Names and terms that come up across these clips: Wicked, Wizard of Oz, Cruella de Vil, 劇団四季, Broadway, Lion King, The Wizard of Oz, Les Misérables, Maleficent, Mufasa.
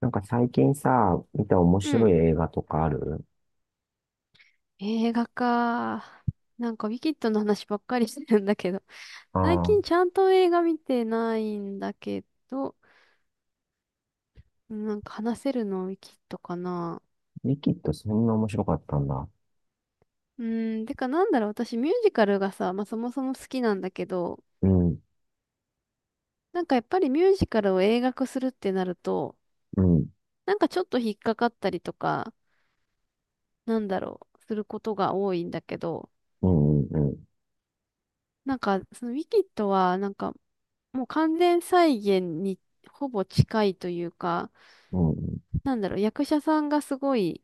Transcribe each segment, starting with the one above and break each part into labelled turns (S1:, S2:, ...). S1: なんか最近さ、見た面
S2: う
S1: 白
S2: ん。
S1: い映画とかある？
S2: 映画か。ウィキッドの話ばっかりしてるんだけど。
S1: あ
S2: 最近
S1: あ、
S2: ちゃんと映画見てないんだけど、うん話せるのウィキッドかな。
S1: リキッドそんな面白かったんだ。
S2: うん、てかなんだろう、私ミュージカルがさ、まあそもそも好きなんだけど、
S1: うん、
S2: なんかやっぱりミュージカルを映画化するってなると、
S1: うん、
S2: なんかちょっと引っかかったりとか、なんだろう、することが多いんだけど、
S1: うん、うん、うん、
S2: なんかそのウィキッドは、もう完全再現にほぼ近いというか、
S1: うん、
S2: なんだろう、役者さんがすごい、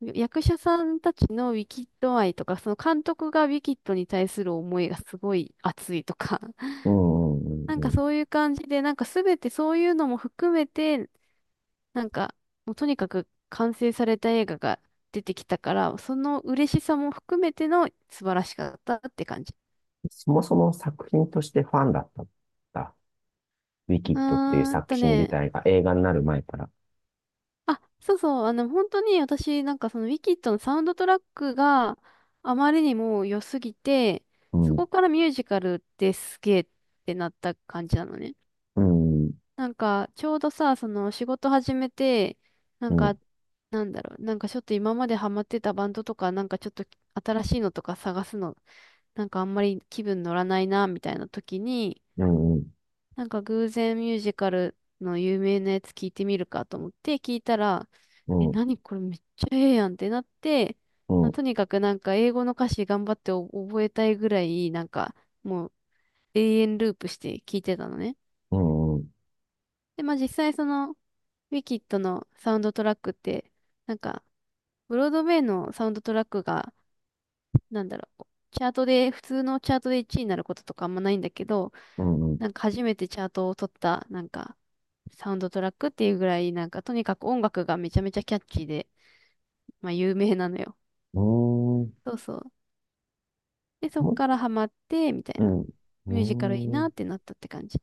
S2: 役者さんたちのウィキッド愛とか、その監督がウィキッドに対する思いがすごい熱いとか、
S1: うん、うん、
S2: なん
S1: う
S2: か
S1: ん。
S2: そういう感じで、なんかすべてそういうのも含めて、なんかもうとにかく完成された映画が出てきたから、その嬉しさも含めての素晴らしかったって感じ。
S1: そもそも作品としてファンだったんだ。ウィキ
S2: う
S1: ッドっていう
S2: ーん
S1: 作
S2: と
S1: 品自
S2: ね、
S1: 体が映画になる前から。
S2: あ、そうそう、あの、本当に私、なんかそのウィキッドのサウンドトラックがあまりにも良すぎて、
S1: う
S2: そ
S1: ん、
S2: こからミュージカルってすげえってなった感じなのね。
S1: うん、
S2: ちょうどさ、その仕事始めて、な
S1: う
S2: ん
S1: ん、
S2: か、なんだろう、なんかちょっと今までハマってたバンドとか、なんかちょっと新しいのとか探すの、なんかあんまり気分乗らないな、みたいな時に、
S1: うん、うん、
S2: なんか偶然ミュージカルの有名なやつ聞いてみるかと思って聞いたら、
S1: う
S2: え、
S1: ん、
S2: 何これめっちゃええやんってなって、
S1: う
S2: まあ、
S1: ん、
S2: とにかくなんか英語の歌詞頑張ってお覚えたいぐらい、もう永遠ループして聞いてたのね。
S1: うん、うん、
S2: で、まあ実際そのウィキッドのサウンドトラックって、なんかブロードウェイのサウンドトラックが、なんだろう、チャートで、普通のチャートで1位になることとかあんまないんだけど、
S1: うん、うん、
S2: なんか初めてチャートを取った、なんか、サウンドトラックっていうぐらい、なんか、とにかく音楽がめちゃめちゃキャッチーで、まあ、有名なのよ。
S1: うん、
S2: そうそう。で、そっからハマって、みたい
S1: う
S2: な。ミュージカルいい
S1: ん、う
S2: な
S1: ん。
S2: ってなったって感じ。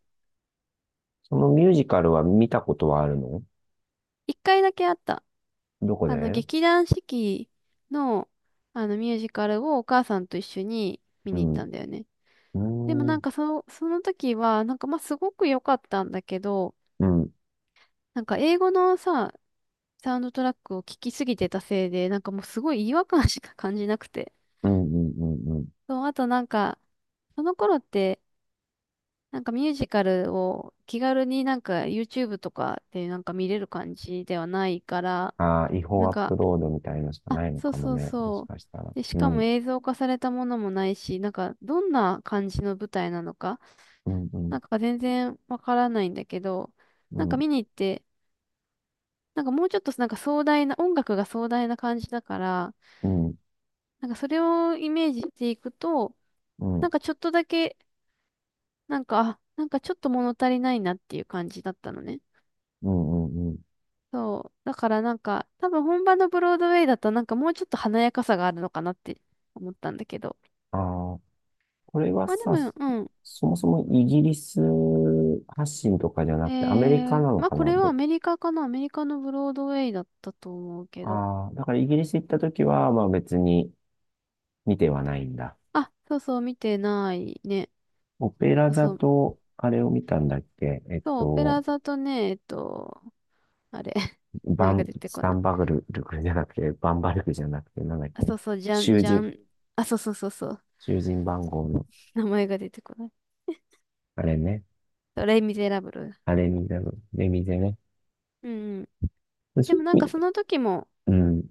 S1: そのミュージカルは見たことはあるの？
S2: 一回だけあった。
S1: どこ
S2: あの、
S1: で？
S2: 劇団四季の、あの、ミュージカルをお母さんと一緒に見
S1: う
S2: に行っ
S1: ん。う
S2: たんだよね。でも
S1: ーん。
S2: その、その時は、なんかまあすごく良かったんだけど、
S1: うん、うん、
S2: なんか英語のさ、サウンドトラックを聞きすぎてたせいで、なんかもうすごい違和感しか感じなくて。
S1: うん、うん、うん。
S2: そう、あと、なんか、その頃って、なんかミュージカルを気軽になんか YouTube とかでなんか見れる感じではないから、
S1: ああ、違
S2: な
S1: 法
S2: ん
S1: アップ
S2: か、
S1: ロードみたいのしか
S2: あ、
S1: ないの
S2: そう
S1: かも
S2: そう
S1: ね。も
S2: そ
S1: し
S2: う。
S1: かしたら。
S2: で、し
S1: う
S2: かも
S1: ん、
S2: 映像化されたものもないし、なんかどんな感じの舞台なのか、
S1: うん、うん、
S2: なんか、全然わからないんだけど、
S1: う
S2: なんか
S1: ん、
S2: 見に行って、なんかもうちょっとなんか壮大な、音楽が壮大な感じだから、
S1: うん、
S2: なんかそれをイメージしていくと、
S1: うん、
S2: なんかちょっとだけ、あ、なんかちょっと物足りないなっていう感じだったのね。
S1: うん、うん。
S2: そう。だから、なんか、多分本場のブロードウェイだとなんかもうちょっと華やかさがあるのかなって思ったんだけど。
S1: ああ、これは
S2: まあで
S1: さ、そ
S2: も、う
S1: そもそもイギリス発信とかじゃ
S2: ん。
S1: なくてアメリ
S2: え
S1: カ
S2: ー、
S1: なの
S2: まあ
S1: か
S2: こ
S1: な？
S2: れはアメリカかな。アメリカのブロードウェイだったと思うけど。
S1: ああー、だからイギリス行った時は、まあ別に見てはないんだ。
S2: あ、そうそう、見てないね。
S1: オペラ
S2: そう
S1: 座
S2: そう、
S1: と、あれを見たんだっけ。
S2: そう、オペラ座とね、あれ、
S1: バ
S2: 前が
S1: ン、
S2: 出て
S1: ス
S2: こ
S1: タ
S2: ない。
S1: ンバグル、ルクじゃなくて、バンバルクじゃなくて、なんだっ
S2: あ、
S1: け？
S2: そうそう、じゃん
S1: 囚
S2: じゃ
S1: 人、
S2: ん。あ、そうそうそうそう。
S1: 囚人番号の、
S2: 名前が出てこない。
S1: あれね。
S2: レ・ミゼラブル。
S1: あれみたいな、レミゼね。
S2: うんうん。
S1: そ
S2: で
S1: うい
S2: もな
S1: う
S2: ん
S1: 意
S2: かそ
S1: 味。
S2: の時も、
S1: うん、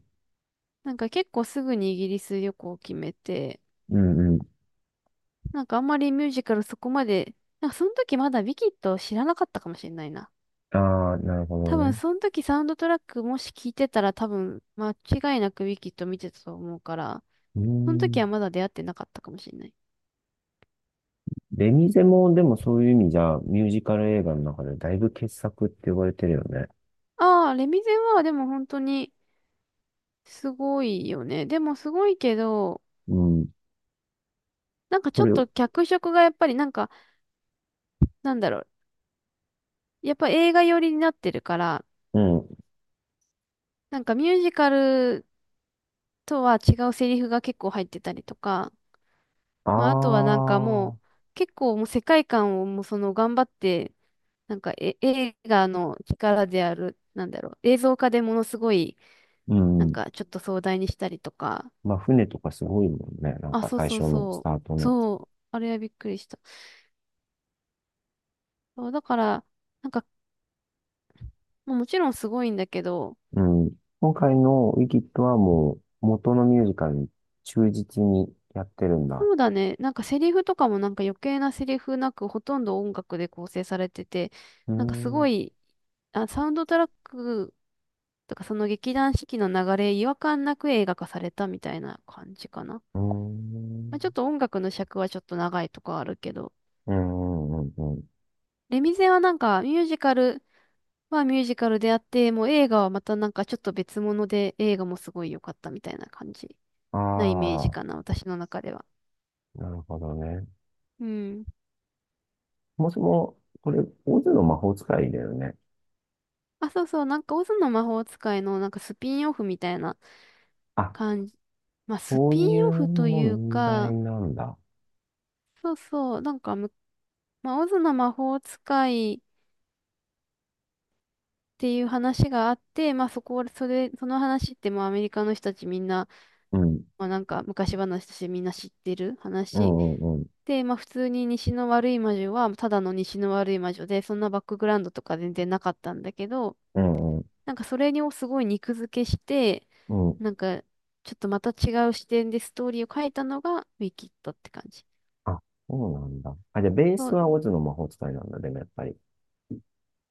S2: なんか結構すぐにイギリス旅行を決めて、
S1: うん、うん。
S2: なんかあんまりミュージカルそこまで、なんかその時まだウィキッドを知らなかったかもしれないな。
S1: ああ、なるほど
S2: 多分
S1: ね。
S2: その時サウンドトラックもし聞いてたら多分間違いなくウィキッド見てたと思うから、
S1: うー
S2: その時
S1: ん。
S2: はまだ出会ってなかったかもしれない。
S1: レミゼも、でもそういう意味じゃ、ミュージカル映画の中でだいぶ傑作って言われてるよね。
S2: ああ、レ・ミゼはでも本当にすごいよね。でもすごいけど、
S1: うん。
S2: なんか
S1: こ
S2: ちょっ
S1: れ、う
S2: と脚色がやっぱり、なんか、なんだろう、やっぱ映画寄りになってるから、
S1: ん。
S2: なんかミュージカルとは違うセリフが結構入ってたりとか、まああとは
S1: あ
S2: もう
S1: あ、
S2: 結構もう世界観をもうその頑張って、なんかえ映画の力である、なんだろう、映像化でものすごい
S1: う
S2: なん
S1: ん。
S2: かちょっと壮大にしたりとか、
S1: まあ、船とかすごいもんね。なん
S2: あ、
S1: か
S2: そう
S1: 最
S2: そ
S1: 初
S2: う
S1: のス
S2: そ
S1: タート
S2: う、
S1: の。
S2: そう、あれはびっくりした。そう、だから、なんかまあもちろんすごいんだけど、
S1: うん。今回のウィキッドはもう、元のミュージカルに忠実にやってるんだ。
S2: そうだね。なんかセリフとかもなんか余計なセリフなくほとんど音楽で構成されてて、
S1: うー
S2: なんかすご
S1: ん。
S2: い、あ、サウンドトラックとかその劇団四季の流れ、違和感なく映画化されたみたいな感じかな。
S1: うー
S2: まあ、ちょ
S1: ん。
S2: っと音楽の尺はちょっと長いとかあるけど、
S1: うんうんうんうん。
S2: レミゼはなんかミュージカルはミュージカルであって、もう映画はまたなんかちょっと別物で映画もすごい良かったみたいな感じなイメージ
S1: あ
S2: か
S1: あ、
S2: な、私の中では。
S1: なるほどね。
S2: うん。
S1: もしも、これ、オズの魔法使いだよね。
S2: あ、そうそう、なんかオズの魔法使いのなんかスピンオフみたいな
S1: あ、
S2: 感じ。まあ、ス
S1: そ
S2: ピ
S1: うい
S2: ンオ
S1: う
S2: フという
S1: 問題
S2: か、
S1: なんだ。
S2: そうそう、なんかむ、まあ、オズの魔法使いっていう話があって、まあ、そこ、それ、その話ってもうアメリカの人たちみんな、
S1: うん。
S2: まあ、なんか昔話としてみんな知ってる
S1: う
S2: 話。
S1: んうんうん。
S2: で、まあ、普通に西の悪い魔女は、ただの西の悪い魔女で、そんなバックグラウンドとか全然なかったんだけど、
S1: うんうん。
S2: なんかそれをすごい肉付けして、
S1: うん。
S2: なんかちょっとまた違う視点でストーリーを書いたのがウィキッドって感じ。
S1: あ、そうなんだ。あ、じゃあ、ベー
S2: そ
S1: スは
S2: う、
S1: オズの魔法使いなんだ、でもやっぱり。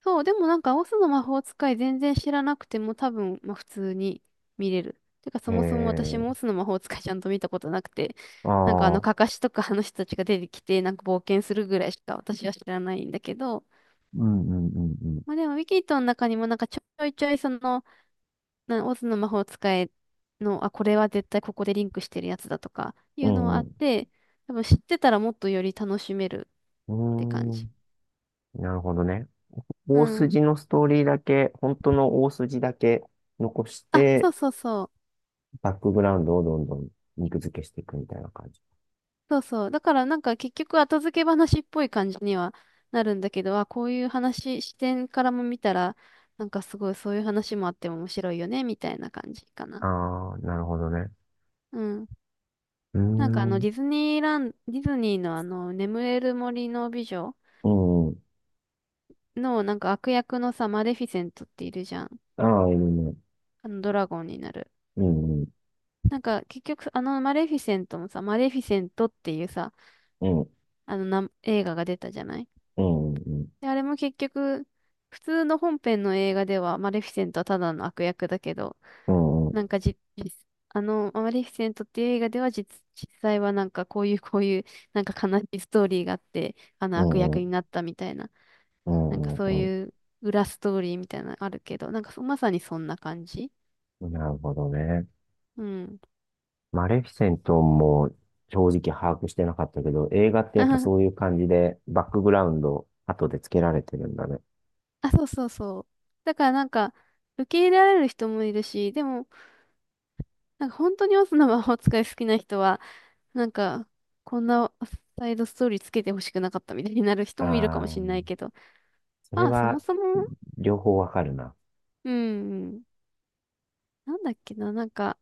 S2: そう、でもなんかオスの魔法使い全然知らなくても多分、まあ、普通に見れる。てかそ
S1: へ
S2: もそも私
S1: え。
S2: もオスの魔法使いちゃんと見たことなくて、
S1: あ
S2: なんかあ
S1: あ、
S2: の
S1: う
S2: カ
S1: ん
S2: カシとかあの人たちが出てきてなんか冒険するぐらいしか私は知らないんだけど、
S1: うんうん
S2: まあでもウィキッドの中にもなんかちょいちょいその、なオズの魔法使いの、あ、これは絶対ここでリンクしてるやつだとかい
S1: う
S2: うのは
S1: ん。
S2: あ
S1: う
S2: っ
S1: ん、う
S2: て、多分知ってたらもっとより楽しめる
S1: ん。
S2: って感
S1: うー
S2: じ。
S1: ん。なるほどね。
S2: う
S1: 大
S2: ん。
S1: 筋のストーリーだけ、本当の大筋だけ残し
S2: あ、そ
S1: て、
S2: うそうそう。
S1: バックグラウンドをどんどん肉付けしていくみたいな感じ。
S2: そうそう。だからなんか結局後付け話っぽい感じにはなるんだけど、あ、こういう話、視点からも見たら、なんかすごいそういう話もあっても面白いよね、みたいな感じかな。
S1: ああ、なるほどね。
S2: うん。
S1: うー
S2: なんかあのデ
S1: ん。
S2: ィズニーラン、ディズニーのあの眠れる森の美女
S1: うんうん。
S2: のなんか悪役のさ、マレフィセントっているじゃん。
S1: ああ、いるね。
S2: あのドラゴンになる。
S1: うんうん。
S2: なんか結局あのマレフィセントもさ、マレフィセントっていうさ、
S1: うん。
S2: あの映画が出たじゃない。
S1: うんうん
S2: で、あれも結局普通の本編の映画ではマレフィセントはただの悪役だけど、
S1: うん。うんん。
S2: なんかじ、実あのマレフィセントっていう映画では実際はなんかこういうこういうなんか悲しいストーリーがあって、あの
S1: う
S2: 悪
S1: んうん
S2: 役
S1: う
S2: に
S1: ん
S2: なったみたいな、
S1: うん
S2: なんか
S1: うんうん
S2: そ
S1: う
S2: う
S1: んうんうんうん
S2: いう裏ストーリーみたいなのあるけど、なんかそまさにそんな感じ。
S1: うん、なるほどね。
S2: うん。
S1: マレフィセントも正直把握してなかったけど、映画ってやっぱそう いう感じでバックグラウンド後で付けられてるんだね。
S2: あ、そうそうそう。だから、なんか、受け入れられる人もいるし、でも、なんか本当にオズの魔法使い好きな人は、なんか、こんなサイドストーリーつけてほしくなかったみたいになる人もいるかも
S1: ああ、
S2: しれないけど、
S1: それ
S2: まあ、そも
S1: は
S2: そも、
S1: 両方わかるな。
S2: うん、なんだっけな、なんか、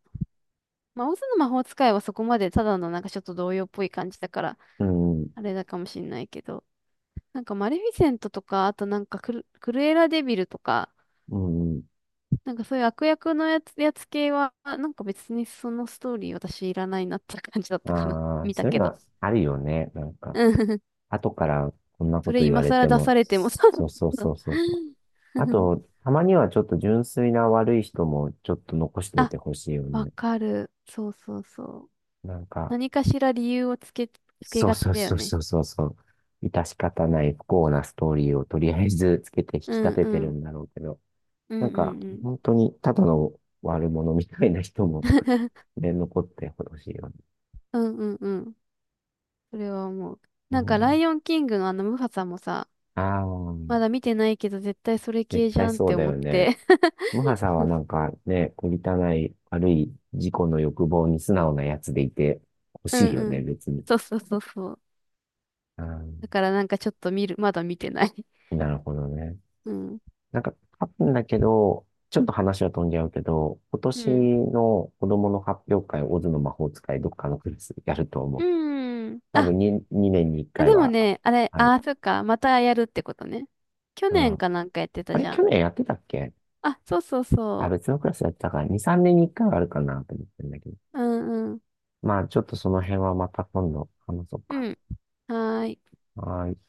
S2: まあ、オズの魔法使いはそこまでただのなんかちょっと童謡っぽい感じだから、
S1: うん。
S2: あれだかもしれないけど、なんかマレフィセントとか、あとなんかクルエラデビルとか、
S1: うん
S2: なんか、そういう悪役のやつ系は、なんか別にそのストーリー私いらないなって感じだっ
S1: う
S2: たかな。
S1: ん。ああ、
S2: 見た
S1: そういう
S2: け
S1: の
S2: ど。
S1: はあるよね。なんか。
S2: うん。
S1: 後からこんな
S2: そ
S1: こ
S2: れ
S1: と言わ
S2: 今
S1: れて
S2: 更出
S1: も、
S2: されてもそう
S1: そうそう
S2: そ
S1: そ
S2: う
S1: うそうそう。あ
S2: そう。
S1: と、たまにはちょっと純粋な悪い人もちょっと残し ておい
S2: あ、
S1: てほしいよ
S2: わ
S1: ね。
S2: かる。そうそうそう。
S1: なんか、
S2: 何かしら理由をつけ
S1: そう
S2: がち
S1: そう
S2: だよ
S1: そうそ
S2: ね。
S1: うそうそう。致し方ない不幸なストーリーをとりあえずつけて引き
S2: う
S1: 立
S2: ん
S1: て
S2: う
S1: てる
S2: ん。
S1: んだろうけど、
S2: うん
S1: なん
S2: うん
S1: か、
S2: うん。
S1: 本当にただの悪者みたいな人も ね、残ってほしいよね。
S2: うんうんうん。それは思う。
S1: う
S2: なんかラ
S1: ん、
S2: イオンキングのあのムファさんもさ、
S1: ああ、
S2: まだ見てないけど絶対それ
S1: 絶
S2: 系じ
S1: 対
S2: ゃんっ
S1: そう
S2: て
S1: だ
S2: 思
S1: よ
S2: っ
S1: ね。
S2: て。
S1: ムハさんはなんかね、こりたない悪い自己の欲望に素直なやつでいて欲
S2: う
S1: しいよ
S2: んう
S1: ね、
S2: ん。
S1: 別に。
S2: そうそうそうそう。
S1: うん、
S2: だからなんかちょっと見る、まだ見てない。
S1: なるほどね。
S2: うん。
S1: なんか、多分だけど、ちょっと話は飛んじゃうけど、今
S2: う
S1: 年
S2: ん。
S1: の子供の発表会、オズの魔法使い、どっかのクラスやると思う。
S2: うん。
S1: 多分に2年に1
S2: あ、
S1: 回
S2: でも
S1: は
S2: ね、あれ、
S1: ある。
S2: あ、そっか、またやるってことね。去
S1: う
S2: 年
S1: ん。
S2: かなんかやってた
S1: あ
S2: じ
S1: れ、
S2: ゃ
S1: 去
S2: ん。
S1: 年やってたっけ？
S2: あ、そうそう
S1: あ、
S2: そ
S1: 別のクラスやってたから、2、3年に1回はあるかなと思ってるんだけど。
S2: う。うんうん。
S1: まあ、ちょっとその辺はまた今度話そうか。
S2: うん。はーい。
S1: はい。